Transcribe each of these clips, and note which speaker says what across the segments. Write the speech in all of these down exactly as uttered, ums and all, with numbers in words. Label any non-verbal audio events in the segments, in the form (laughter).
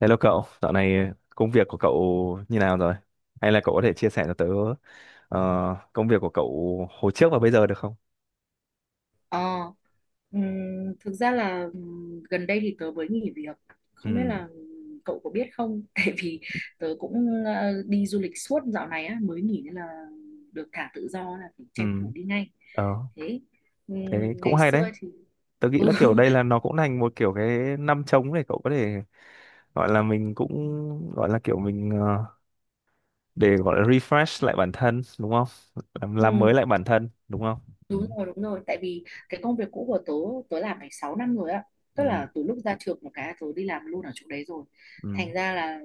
Speaker 1: Hello cậu, dạo này công việc của cậu như nào rồi? Hay là cậu có thể chia sẻ cho tớ ờ, công việc của cậu hồi trước và bây giờ được không?
Speaker 2: Ờ, ừm, Thực ra là ừm, gần đây thì tớ mới nghỉ việc. Không biết
Speaker 1: Ừ,
Speaker 2: là ừm, cậu có biết không? (laughs) Tại vì tớ cũng ờ, đi du lịch suốt dạo này á, mới nghỉ nên là được thả tự do là phải
Speaker 1: ừ,
Speaker 2: tranh thủ đi ngay.
Speaker 1: ờ,
Speaker 2: Thế
Speaker 1: Thế
Speaker 2: ừm,
Speaker 1: cũng
Speaker 2: ngày
Speaker 1: hay đấy.
Speaker 2: xưa thì.
Speaker 1: Tớ nghĩ là kiểu đây là
Speaker 2: (laughs)
Speaker 1: nó cũng thành một kiểu cái năm trống để cậu có thể gọi là mình cũng gọi là kiểu mình ờ, để gọi là refresh lại bản thân đúng không? Làm, làm
Speaker 2: Ừ,
Speaker 1: mới lại bản thân đúng không? Ừ,
Speaker 2: đúng rồi, đúng rồi. Tại vì cái công việc cũ của tớ, tớ làm phải sáu năm rồi ạ.
Speaker 1: ừ,
Speaker 2: Tức là từ lúc ra trường một cái tớ đi làm luôn ở chỗ đấy rồi.
Speaker 1: ừ,
Speaker 2: Thành ra là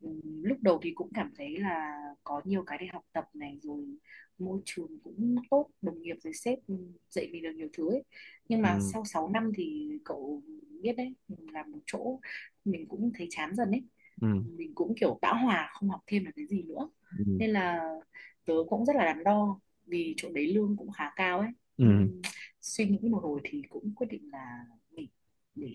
Speaker 2: ừm, lúc đầu thì cũng cảm thấy là có nhiều cái để học tập này, rồi môi trường cũng tốt, đồng nghiệp rồi sếp ừm, dạy mình được nhiều thứ ấy. Nhưng mà
Speaker 1: ừ,
Speaker 2: sau sáu năm thì cậu biết đấy, làm một chỗ mình cũng thấy chán dần ấy.
Speaker 1: ừ,
Speaker 2: Mình cũng kiểu bão hòa không học thêm được cái gì nữa.
Speaker 1: ừ.
Speaker 2: Nên là tớ cũng rất là đắn đo vì chỗ đấy lương cũng khá cao ấy.
Speaker 1: ừ.
Speaker 2: Ừm, Suy nghĩ một hồi thì cũng quyết định là nghỉ, để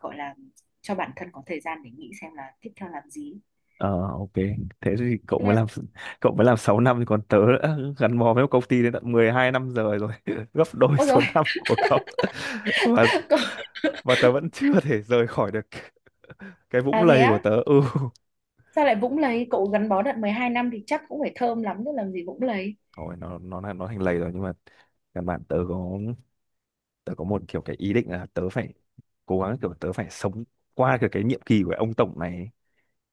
Speaker 2: gọi là cho bản thân có thời gian để nghĩ xem là tiếp theo làm gì.
Speaker 1: Ờ, ok, thế thì cậu
Speaker 2: Thế
Speaker 1: mới
Speaker 2: là
Speaker 1: làm (laughs) cậu mới làm sáu năm thì còn tớ đã gắn bó với một công ty đến tận mười hai năm rồi rồi, (laughs) gấp đôi
Speaker 2: ôi
Speaker 1: số
Speaker 2: rồi.
Speaker 1: năm của cậu. (laughs) Và
Speaker 2: (laughs) Cậu,
Speaker 1: và tớ vẫn chưa thể rời khỏi được cái vũng
Speaker 2: à thế
Speaker 1: lầy của
Speaker 2: á,
Speaker 1: tớ. Ừ.
Speaker 2: sao lại Vũng lấy? Cậu gắn bó đợt mười hai năm thì chắc cũng phải thơm lắm chứ, làm gì Vũng lấy.
Speaker 1: Thôi nó nó là- nó thành lầy rồi, nhưng mà căn bản tớ có tớ có một kiểu cái ý định là tớ phải cố gắng kiểu tớ phải sống qua cái cái nhiệm kỳ của ông tổng này ấy.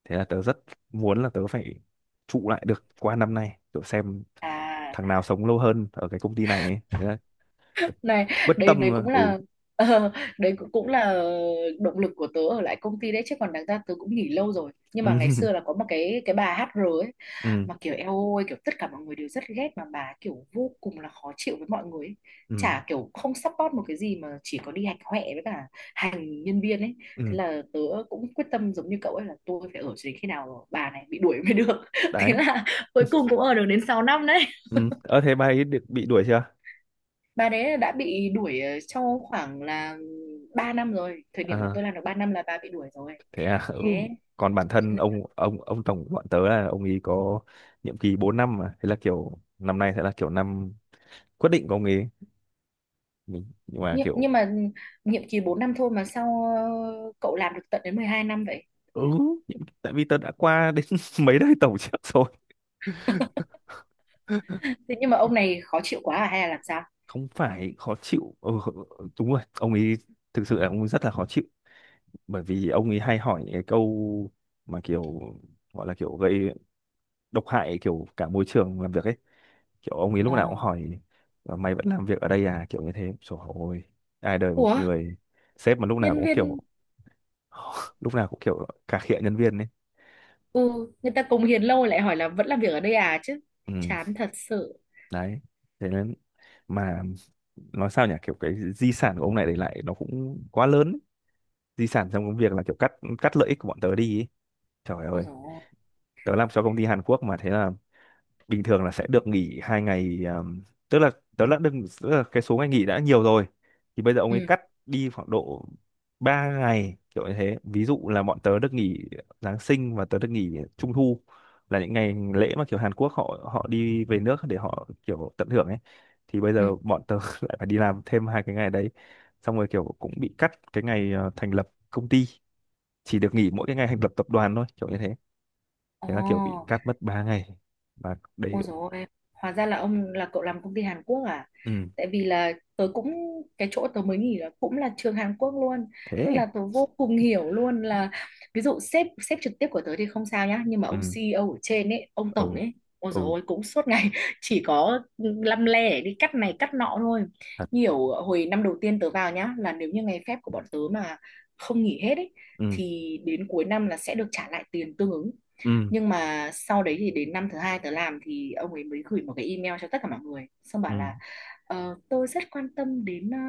Speaker 1: Thế là tớ rất muốn là tớ phải trụ lại được qua năm nay, kiểu xem
Speaker 2: À
Speaker 1: thằng nào sống lâu hơn ở cái công ty này ấy. Thế là
Speaker 2: này,
Speaker 1: quyết
Speaker 2: đấy
Speaker 1: tâm
Speaker 2: đấy
Speaker 1: mà.
Speaker 2: cũng
Speaker 1: ừ
Speaker 2: là (laughs) ờ, đấy cũng cũng là động lực của tớ ở lại công ty đấy, chứ còn đáng ra tớ cũng nghỉ lâu rồi, nhưng mà ngày
Speaker 1: ừ
Speaker 2: xưa là có một cái cái bà ây chờ a ấy
Speaker 1: ừ
Speaker 2: mà kiểu eo ôi, kiểu tất cả mọi người đều rất ghét, mà bà ấy kiểu vô cùng là khó chịu với mọi người ấy.
Speaker 1: ừ
Speaker 2: Chả kiểu không support một cái gì mà chỉ có đi hạch hoẹ với cả hành nhân viên ấy.
Speaker 1: ừ
Speaker 2: Thế là tớ cũng quyết tâm giống như cậu ấy, là tôi phải ở cho đến khi nào bà này bị đuổi mới được. (laughs) Thế
Speaker 1: Đấy.
Speaker 2: là cuối cùng cũng ở được đến sáu năm đấy.
Speaker 1: ừ Ơ thế bà ấy được bị đuổi chưa?
Speaker 2: Bà đấy là đã bị đuổi ờ, trong khoảng là ba năm rồi. Thời điểm mà
Speaker 1: À
Speaker 2: tôi làm được ba năm là bà bị đuổi rồi.
Speaker 1: thế à ừ
Speaker 2: Thế
Speaker 1: Còn bản
Speaker 2: cho
Speaker 1: thân
Speaker 2: nên-
Speaker 1: ông ông ông tổng của bọn tớ là ông ấy có nhiệm kỳ bốn năm mà, thế là kiểu năm nay sẽ là kiểu năm quyết định của ông ấy mình, nhưng mà
Speaker 2: nhưng, nhưng
Speaker 1: kiểu
Speaker 2: mà nhiệm kỳ bốn năm thôi mà sao ờ, cậu làm được tận đến mười hai năm vậy?
Speaker 1: ừ nhiệm- tại vì tớ đã qua đến (laughs) mấy đời tổng trước rồi.
Speaker 2: (laughs) Thế nhưng mà ông này khó chịu quá à hay là làm sao?
Speaker 1: Không phải khó chịu, ừ, ừ, ừ, đúng rồi, ông ấy thực sự là ông ấy rất là khó chịu, bởi vì ông ấy hay hỏi những cái câu mà kiểu gọi là kiểu gây độc hại kiểu cả môi trường làm việc ấy, kiểu ông ấy lúc
Speaker 2: Ờ.
Speaker 1: nào cũng hỏi: "Ờ, mày vẫn làm việc ở đây à?" kiểu như thế. Trời ơi, ai đời một
Speaker 2: Ủa,
Speaker 1: người sếp mà lúc nào
Speaker 2: nhân
Speaker 1: cũng kiểu
Speaker 2: viên.
Speaker 1: (laughs) lúc nào cũng kiểu cà khịa nhân viên ấy.
Speaker 2: Ừ, người ta cống hiến lâu lại hỏi là vẫn làm việc ở đây à chứ,
Speaker 1: ừ,
Speaker 2: chán thật sự.
Speaker 1: Đấy, thế nên mà nói sao nhỉ, kiểu cái di sản của ông này để lại nó cũng quá lớn ấy. Di sản trong công việc là kiểu cắt cắt lợi ích của bọn tớ đi ấy. Trời
Speaker 2: Ôi
Speaker 1: ơi,
Speaker 2: dồi ôi.
Speaker 1: tớ làm cho công ty Hàn Quốc mà, thế là bình thường là sẽ được nghỉ hai ngày um, tức là đó là, đừng, tức là cái số ngày nghỉ đã nhiều rồi, thì bây giờ ông
Speaker 2: Ừ,
Speaker 1: ấy cắt đi khoảng độ ba ngày kiểu như thế. Ví dụ là bọn tớ được nghỉ Giáng sinh và tớ được nghỉ Trung thu, là những ngày lễ mà kiểu Hàn Quốc họ họ đi về nước để họ kiểu tận hưởng ấy, thì bây
Speaker 2: ừ.
Speaker 1: giờ bọn tớ (laughs) lại phải đi làm thêm hai cái ngày đấy, xong rồi kiểu cũng bị cắt cái ngày ờ, thành lập công ty, chỉ được nghỉ mỗi cái ngày thành lập tập đoàn thôi kiểu như thế. Thế là kiểu bị
Speaker 2: Ồ.
Speaker 1: cắt mất ba ngày và đấy.
Speaker 2: Ôi dồi ôi, hóa ra là ông là cậu làm công ty Hàn Quốc à?
Speaker 1: Ừ.
Speaker 2: Tại vì là tớ cũng, cái chỗ tớ mới nghỉ là cũng là trường Hàn Quốc luôn, nên
Speaker 1: thế
Speaker 2: là tớ vô cùng hiểu luôn, là ví dụ sếp sếp trực tiếp của tớ thì không sao nhá, nhưng mà ông
Speaker 1: ừ
Speaker 2: xi i âu ở trên ấy, ông
Speaker 1: ừ
Speaker 2: tổng ấy, ôi dồi
Speaker 1: ừ
Speaker 2: ôi, cũng suốt ngày (laughs) chỉ có lăm le để đi cắt này cắt nọ thôi.
Speaker 1: Thật.
Speaker 2: Nhiều hồi năm đầu tiên tớ vào nhá, là nếu như ngày phép của bọn tớ mà không nghỉ hết ấy
Speaker 1: ừ
Speaker 2: thì đến cuối năm là sẽ được trả lại tiền tương ứng.
Speaker 1: ừ
Speaker 2: Nhưng mà sau đấy thì đến năm thứ hai tớ làm, thì ông ấy mới gửi một cái email cho tất cả mọi người, xong
Speaker 1: ừ
Speaker 2: bảo là: "Ờ, tôi rất quan tâm đến ờ,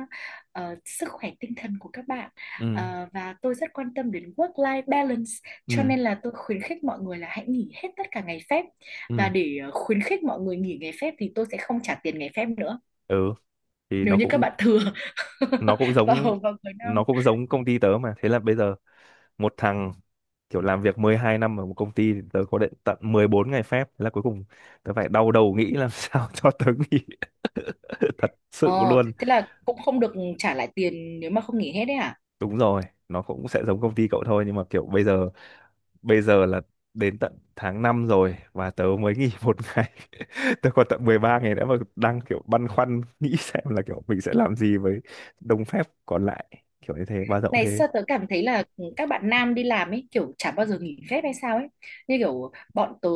Speaker 2: ờ, sức khỏe tinh thần của các bạn,
Speaker 1: ừ
Speaker 2: ờ, và tôi rất quan tâm đến work-life balance, cho
Speaker 1: ừ
Speaker 2: nên là tôi khuyến khích mọi người là hãy nghỉ hết tất cả ngày phép. Và
Speaker 1: ừ
Speaker 2: để ờ, khuyến khích mọi người nghỉ ngày phép thì tôi sẽ không trả tiền ngày phép nữa
Speaker 1: ừ thì
Speaker 2: nếu
Speaker 1: nó
Speaker 2: như các
Speaker 1: cũng
Speaker 2: bạn thừa (laughs)
Speaker 1: nó cũng giống
Speaker 2: vào vào cuối năm."
Speaker 1: nó cũng giống công ty tớ mà, thế là bây giờ một thằng kiểu làm việc mười hai năm ở một công ty thì tớ có đến tận mười bốn ngày phép, thế là cuối cùng tớ phải đau đầu nghĩ làm (laughs) sao cho tớ nghỉ (laughs) thật sự
Speaker 2: ờ
Speaker 1: luôn.
Speaker 2: Thế là cũng không được trả lại tiền nếu mà không nghỉ hết đấy hả?
Speaker 1: Đúng rồi, nó cũng sẽ giống công ty cậu thôi, nhưng mà kiểu bây giờ bây giờ là đến tận tháng năm rồi và tớ mới nghỉ một (laughs) ngày, tớ còn tận mười ba ngày nữa mà đang kiểu băn khoăn nghĩ xem là kiểu mình sẽ làm gì với đồng phép còn lại kiểu như thế, bao rộng
Speaker 2: Này
Speaker 1: thế.
Speaker 2: sao tớ cảm thấy là ừ, các bạn nam đi làm ấy kiểu chả bao giờ nghỉ phép hay sao ấy. Như kiểu bọn tớ,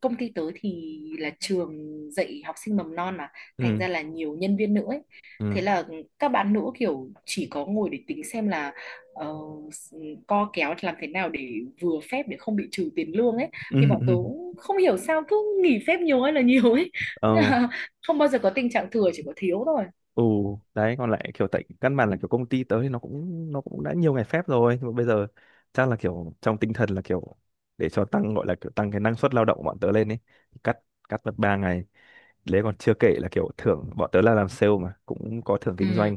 Speaker 2: công ty tớ thì là trường dạy học sinh mầm non mà, thành
Speaker 1: ừ
Speaker 2: ra là nhiều nhân viên nữ ấy.
Speaker 1: ừ
Speaker 2: Thế là các bạn nữ kiểu chỉ có ngồi để tính xem là ờ, s- ừ, co kéo làm thế nào để vừa phép để không bị trừ tiền lương ấy.
Speaker 1: (laughs) ừ
Speaker 2: Thì bọn tớ
Speaker 1: ừ.
Speaker 2: không hiểu sao cứ nghỉ phép nhiều, hay là nhiều ấy.
Speaker 1: ờ
Speaker 2: (laughs) Không bao giờ có tình trạng thừa, chỉ có thiếu thôi.
Speaker 1: ừ Đấy, còn lại kiểu tại căn bản là kiểu công ty tớ thì nó cũng nó cũng đã nhiều ngày phép rồi, nhưng mà bây giờ chắc là kiểu trong tinh thần là kiểu để cho tăng gọi là kiểu tăng cái năng suất lao động của bọn tớ lên ấy, cắt cắt mất ba ngày. Đấy, còn chưa kể là kiểu thưởng, bọn tớ là làm sale mà cũng có thưởng kinh
Speaker 2: Ừ,
Speaker 1: doanh,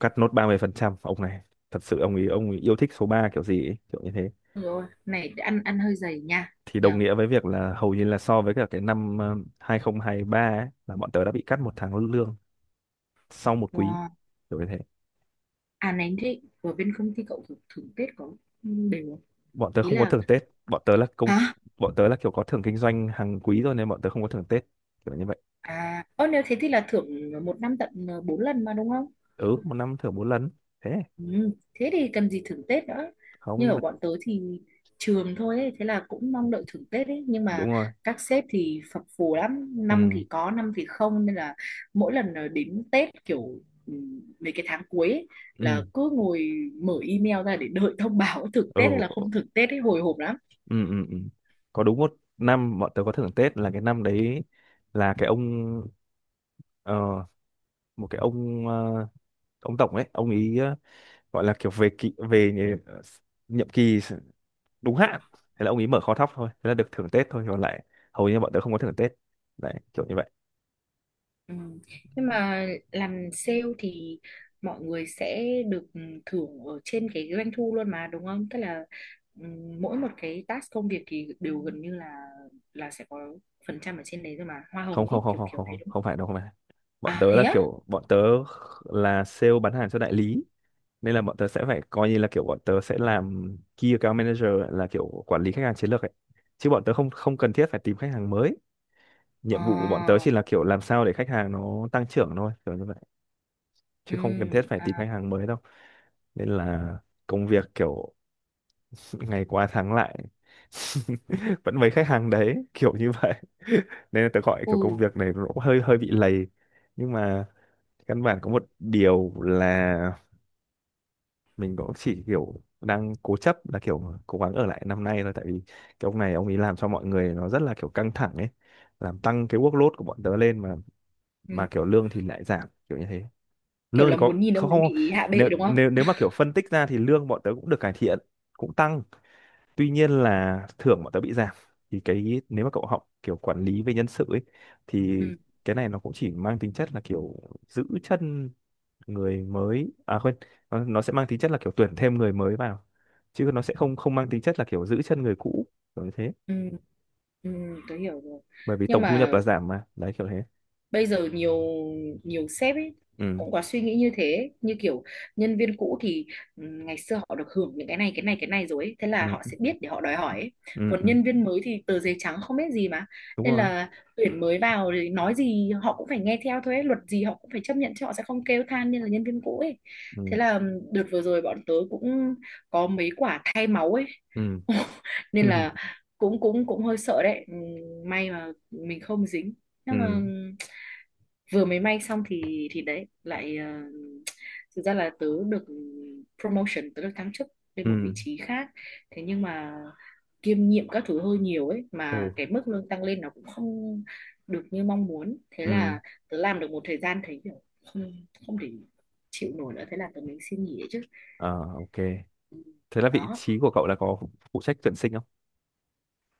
Speaker 1: cắt nốt ba mươi phần trăm. Ông này thật sự ông ấy, ông ấy yêu thích số ba kiểu gì ấy, kiểu như thế.
Speaker 2: đúng rồi, này ăn ăn hơi dày nha.
Speaker 1: Thì đồng
Speaker 2: Nhở.
Speaker 1: nghĩa với việc là hầu như là so với cả cái năm ờ, hai không hai ba ấy, là bọn tớ đã bị cắt một tháng lương sau một quý
Speaker 2: Wow.
Speaker 1: kiểu như thế.
Speaker 2: À này, thế ở bên công ty cậu thưởng, thưởng, Tết có đều không?
Speaker 1: Bọn tớ
Speaker 2: Ý
Speaker 1: không có
Speaker 2: là,
Speaker 1: thưởng Tết, bọn tớ là công,
Speaker 2: hả?
Speaker 1: bọn tớ là kiểu có thưởng kinh doanh hàng quý rồi nên bọn tớ không có thưởng Tết kiểu như vậy.
Speaker 2: À, ơ nếu thế thì là thưởng một năm tận ờ, bốn lần mà đúng không?
Speaker 1: Ừ, một năm thưởng bốn lần. Thế
Speaker 2: Ừ, thế thì cần gì thưởng Tết nữa.
Speaker 1: không,
Speaker 2: Như
Speaker 1: nhưng
Speaker 2: ở
Speaker 1: mà
Speaker 2: bọn tớ thì trường thôi ấy, thế là cũng mong đợi thưởng Tết ấy, nhưng
Speaker 1: đúng
Speaker 2: mà
Speaker 1: rồi.
Speaker 2: các sếp thì phập phù lắm, năm
Speaker 1: ừ
Speaker 2: thì có, năm thì không, nên là mỗi lần ờ, đến Tết kiểu ừ, mấy cái tháng cuối ấy, là
Speaker 1: ừ
Speaker 2: cứ ngồi mở email ra để đợi thông báo (laughs) thưởng
Speaker 1: ừ
Speaker 2: Tết hay là không thưởng Tết ấy, hồi hộp lắm.
Speaker 1: ừ ừ, ừ. Có đúng một năm bọn tớ có thưởng Tết là cái năm đấy, là cái ông ờ, một cái ông ờ, ông tổng ấy, ông ý ờ, gọi là kiểu về kỳ về nhì- nhiệm kỳ đúng hạn, thế là ông ý mở kho thóc thôi, thế là được thưởng Tết thôi. Còn lại hầu như bọn tớ không có thưởng Tết đấy, kiểu như vậy.
Speaker 2: Ừ. Nhưng mà làm sale thì mọi người sẽ được thưởng ở trên cái doanh thu luôn mà đúng không? Tức là ừm, mỗi một cái task công việc thì đều gần như là là sẽ có phần trăm ở trên đấy rồi mà, hoa
Speaker 1: không
Speaker 2: hồng
Speaker 1: không
Speaker 2: ấy,
Speaker 1: không
Speaker 2: kiểu
Speaker 1: không
Speaker 2: kiểu
Speaker 1: không
Speaker 2: đấy,
Speaker 1: không
Speaker 2: đúng
Speaker 1: không
Speaker 2: không?
Speaker 1: phải đâu, không phải, bọn
Speaker 2: À
Speaker 1: tớ
Speaker 2: thế
Speaker 1: là
Speaker 2: á?
Speaker 1: kiểu bọn tớ là sale bán hàng cho đại lý, nên là bọn tớ sẽ phải coi như là kiểu bọn tớ sẽ làm key account manager, là kiểu quản lý khách hàng chiến lược ấy, chứ bọn tớ không không cần thiết phải tìm khách hàng mới. Nhiệm vụ của bọn tớ
Speaker 2: À,
Speaker 1: chỉ là kiểu làm sao để khách hàng nó tăng trưởng thôi kiểu như vậy, chứ
Speaker 2: ừ,
Speaker 1: không cần thiết phải tìm khách
Speaker 2: à,
Speaker 1: hàng mới đâu. Nên là công việc kiểu (laughs) ngày qua tháng lại (laughs) vẫn mấy khách hàng đấy kiểu như vậy. (laughs) Nên là tớ gọi kiểu công
Speaker 2: ừ,
Speaker 1: việc này nó cũng hơi hơi bị lầy, nhưng mà căn bản có một điều là mình cũng chỉ kiểu đang cố chấp là kiểu cố gắng ở lại năm nay thôi, tại vì cái ông này ông ấy làm cho mọi người nó rất là kiểu căng thẳng ấy, làm tăng cái workload của bọn tớ lên mà
Speaker 2: ừ.
Speaker 1: mà kiểu lương thì lại giảm kiểu như thế.
Speaker 2: Kiểu
Speaker 1: Lương thì
Speaker 2: là
Speaker 1: có
Speaker 2: muốn nhìn ông
Speaker 1: không
Speaker 2: ấy
Speaker 1: không,
Speaker 2: bị hạ bệ
Speaker 1: nếu
Speaker 2: đúng không?
Speaker 1: nếu nếu mà kiểu phân tích ra thì lương bọn tớ cũng được cải thiện, cũng tăng, tuy nhiên là thưởng bọn tớ bị giảm. Thì cái nếu mà cậu học kiểu quản lý về nhân sự ấy, thì
Speaker 2: Ừ,
Speaker 1: cái này nó cũng chỉ mang tính chất là kiểu giữ chân người mới, à quên, nó, nó sẽ mang tính chất là kiểu tuyển thêm người mới vào, chứ nó sẽ không không mang tính chất là kiểu giữ chân người cũ kiểu như thế.
Speaker 2: ừ, ừ, tôi hiểu rồi.
Speaker 1: Bởi vì
Speaker 2: Nhưng
Speaker 1: tổng thu nhập
Speaker 2: mà
Speaker 1: là giảm mà, đấy kiểu thế.
Speaker 2: bây giờ nhiều nhiều sếp ấy
Speaker 1: ừ
Speaker 2: cũng có suy nghĩ như thế, như kiểu nhân viên cũ thì ừm, ngày xưa họ được hưởng những cái này, cái này, cái này rồi ấy. Thế là họ
Speaker 1: ừ
Speaker 2: sẽ biết để họ đòi hỏi ấy.
Speaker 1: ừ
Speaker 2: Còn
Speaker 1: ừ
Speaker 2: nhân viên mới thì tờ giấy trắng không biết gì mà,
Speaker 1: Đúng
Speaker 2: nên
Speaker 1: rồi.
Speaker 2: là tuyển mới vào thì nói gì họ cũng phải nghe theo thôi ấy. Luật gì họ cũng phải chấp nhận chứ, họ sẽ không kêu than như là nhân viên cũ ấy. Thế
Speaker 1: ừ
Speaker 2: là ừm, đợt vừa rồi bọn tớ cũng có mấy quả thay máu ấy.
Speaker 1: ừ
Speaker 2: (laughs)
Speaker 1: (laughs)
Speaker 2: Nên
Speaker 1: ừ
Speaker 2: là cũng cũng cũng hơi sợ đấy. Ừm, may mà mình không dính. Nhưng mà
Speaker 1: ừ
Speaker 2: ừ, vừa mới may xong thì thì đấy lại ờ, thực ra là tớ được promotion, tớ được thăng chức lên một vị
Speaker 1: ừ
Speaker 2: trí khác. Thế nhưng mà kiêm nhiệm các thứ hơi nhiều ấy, mà
Speaker 1: ừ
Speaker 2: cái mức lương tăng lên nó cũng không được như mong muốn. Thế
Speaker 1: ừ
Speaker 2: là tớ làm được một thời gian thấy kiểu không không thể chịu nổi nữa, thế là tớ mới xin nghỉ ấy chứ.
Speaker 1: À, ok,
Speaker 2: Ừ,
Speaker 1: thế là vị
Speaker 2: đó.
Speaker 1: trí của cậu là có phụ phụ trách tuyển sinh không?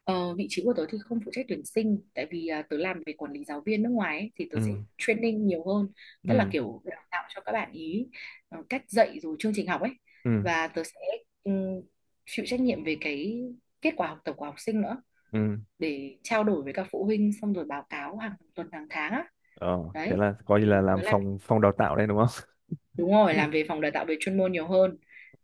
Speaker 2: Ờ, vị trí của tớ thì không phụ trách tuyển sinh, tại vì à, tớ làm về quản lý giáo viên nước ngoài ấy, thì tớ sẽ
Speaker 1: ừ
Speaker 2: training nhiều hơn. Tức là
Speaker 1: ừ
Speaker 2: kiểu đào tạo cho các bạn ý ờ, cách dạy rồi chương trình học ấy.
Speaker 1: ừ
Speaker 2: Và tớ sẽ ừm, chịu trách nhiệm về cái kết quả học tập của học sinh nữa,
Speaker 1: ừ
Speaker 2: để trao đổi với các phụ huynh xong rồi báo cáo hàng tuần hàng tháng á.
Speaker 1: ờ Thế
Speaker 2: Đấy
Speaker 1: là coi như là
Speaker 2: thì
Speaker 1: làm
Speaker 2: tớ làm.
Speaker 1: phòng phòng đào tạo đây, đúng không?
Speaker 2: Đúng rồi,
Speaker 1: (laughs)
Speaker 2: làm về phòng đào tạo về chuyên môn nhiều hơn.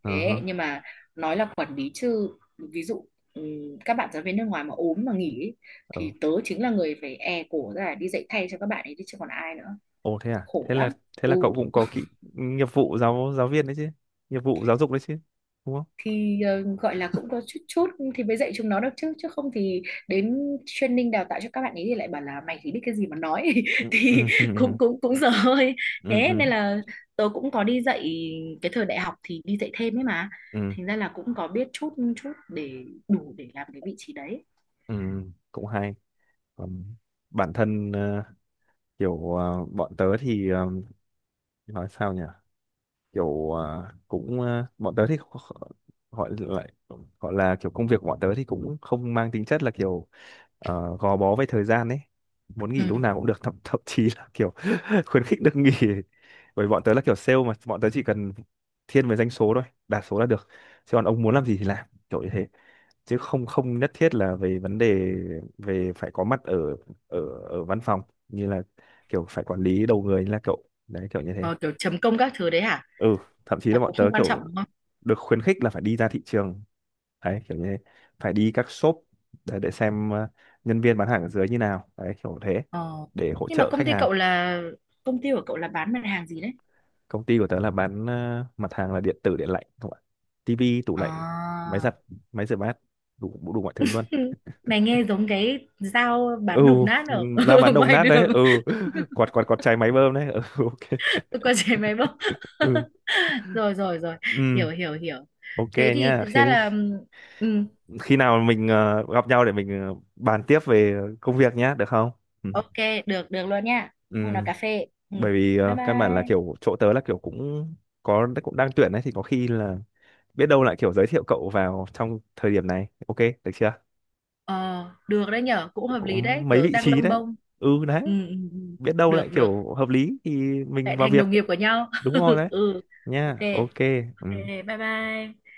Speaker 1: Ờ
Speaker 2: Thế
Speaker 1: hơ.
Speaker 2: nhưng mà nói là quản lý chứ, ví dụ ừm, các bạn giáo viên nước ngoài mà ốm mà nghỉ ấy,
Speaker 1: Ờ.
Speaker 2: thì tớ chính là người phải e cổ ra đi dạy thay cho các bạn ấy đi, chứ còn ai nữa.
Speaker 1: Ồ, thế à?
Speaker 2: Khổ
Speaker 1: Thế là
Speaker 2: lắm.
Speaker 1: thế
Speaker 2: Ừ.
Speaker 1: là cậu cũng có kỹ nghiệp vụ giáo giáo viên đấy chứ. Nghiệp vụ giáo dục đấy chứ. Đúng không?
Speaker 2: Thì ờ, gọi là cũng có chút chút thì mới dạy chúng nó được, chứ chứ không thì đến training đào tạo cho các bạn ấy thì lại bảo là mày chỉ biết cái gì mà nói, (laughs)
Speaker 1: Ừ
Speaker 2: thì
Speaker 1: ừ ừ
Speaker 2: cũng cũng cũng dở hơi.
Speaker 1: ừ
Speaker 2: Thế
Speaker 1: ừ
Speaker 2: nên là tớ cũng có đi dạy, cái thời đại học thì đi dạy thêm ấy mà,
Speaker 1: ừ
Speaker 2: thành ra là cũng có biết chút chút để đủ để làm cái vị trí đấy.
Speaker 1: ừ, cũng hay. Còn bản thân ờ, kiểu ờ, bọn tớ thì ờ, nói sao nhỉ? Kiểu à, cũng à, bọn tớ thì kh- gọi lại gọi là kiểu công việc của bọn tớ thì cũng không mang tính chất là kiểu ờ, gò bó với thời gian ấy, muốn
Speaker 2: Ừ.
Speaker 1: nghỉ lúc nào cũng được, thậm, (laughs) thậm chí là kiểu (laughs) khuyến khích được nghỉ, bởi bọn tớ là kiểu sale mà, bọn tớ chỉ cần thiên về doanh số thôi, đạt số là được, chứ còn ông muốn làm gì thì làm kiểu như thế, chứ không không nhất thiết là về vấn đề về phải có mặt ở ở ở văn phòng, như là kiểu phải quản lý đầu người như là cậu đấy kiểu như thế.
Speaker 2: Ờ, kiểu chấm công các thứ đấy hả?
Speaker 1: ừ Thậm chí là
Speaker 2: Là
Speaker 1: bọn
Speaker 2: cũng
Speaker 1: tớ
Speaker 2: không quan trọng
Speaker 1: kiểu
Speaker 2: đúng không?
Speaker 1: được khuyến khích là phải đi ra thị trường đấy, kiểu như phải đi các shop để, để xem ờ, nhân viên bán hàng ở dưới như nào đấy kiểu thế,
Speaker 2: Ờ.
Speaker 1: để hỗ
Speaker 2: Nhưng mà
Speaker 1: trợ
Speaker 2: công
Speaker 1: khách
Speaker 2: ty
Speaker 1: hàng.
Speaker 2: cậu là công ty của cậu là bán mặt hàng gì đấy?
Speaker 1: Công ty của tớ là bán ờ, mặt hàng là điện tử điện lạnh không ạ, tivi, tủ lạnh, máy
Speaker 2: À.
Speaker 1: giặt, máy rửa bát, đủ đủ mọi thứ luôn.
Speaker 2: Ừ. Mày nghe giống cái dao
Speaker 1: ừ
Speaker 2: bán đồng nát ở
Speaker 1: Ra
Speaker 2: (laughs)
Speaker 1: bán
Speaker 2: ở
Speaker 1: đồng
Speaker 2: ngoài
Speaker 1: nát đấy.
Speaker 2: đường.
Speaker 1: ừ (laughs) quạt quạt quạt chai máy bơm đấy. ừ (laughs) ok.
Speaker 2: (laughs) Con trẻ máy bóc.
Speaker 1: ừ
Speaker 2: (laughs) Rồi rồi rồi,
Speaker 1: ừ
Speaker 2: hiểu hiểu hiểu.
Speaker 1: ok
Speaker 2: Thế thì
Speaker 1: nha.
Speaker 2: thực
Speaker 1: Thế
Speaker 2: ra là ừ,
Speaker 1: khi nào mình ờ, gặp nhau để mình ờ, bàn tiếp về công việc nhé, được không? Ừ.
Speaker 2: ok. Được được luôn nha,
Speaker 1: Ừ.
Speaker 2: hôm nào cà phê. Ừ.
Speaker 1: Bởi vì
Speaker 2: Bye
Speaker 1: ờ, căn bản là
Speaker 2: bye.
Speaker 1: kiểu chỗ tớ là kiểu cũng có cũng đang tuyển đấy, thì có khi là biết đâu lại kiểu giới thiệu cậu vào trong thời điểm này. Ok, được chưa?
Speaker 2: ờ Được đấy nhở, cũng
Speaker 1: Cũng
Speaker 2: hợp
Speaker 1: có
Speaker 2: lý đấy,
Speaker 1: mấy
Speaker 2: tớ
Speaker 1: vị
Speaker 2: đang
Speaker 1: trí
Speaker 2: lông
Speaker 1: đấy.
Speaker 2: bông.
Speaker 1: Ừ, đấy,
Speaker 2: Ừ, ừ, ừ.
Speaker 1: biết đâu
Speaker 2: Được
Speaker 1: lại
Speaker 2: được,
Speaker 1: kiểu hợp lý thì mình
Speaker 2: lại
Speaker 1: vào
Speaker 2: thành
Speaker 1: việc.
Speaker 2: đồng nghiệp của nhau.
Speaker 1: Đúng rồi, đấy
Speaker 2: (laughs) Ừ. Ok
Speaker 1: nha. Ok.
Speaker 2: ok.
Speaker 1: Ừ.
Speaker 2: Bye bye.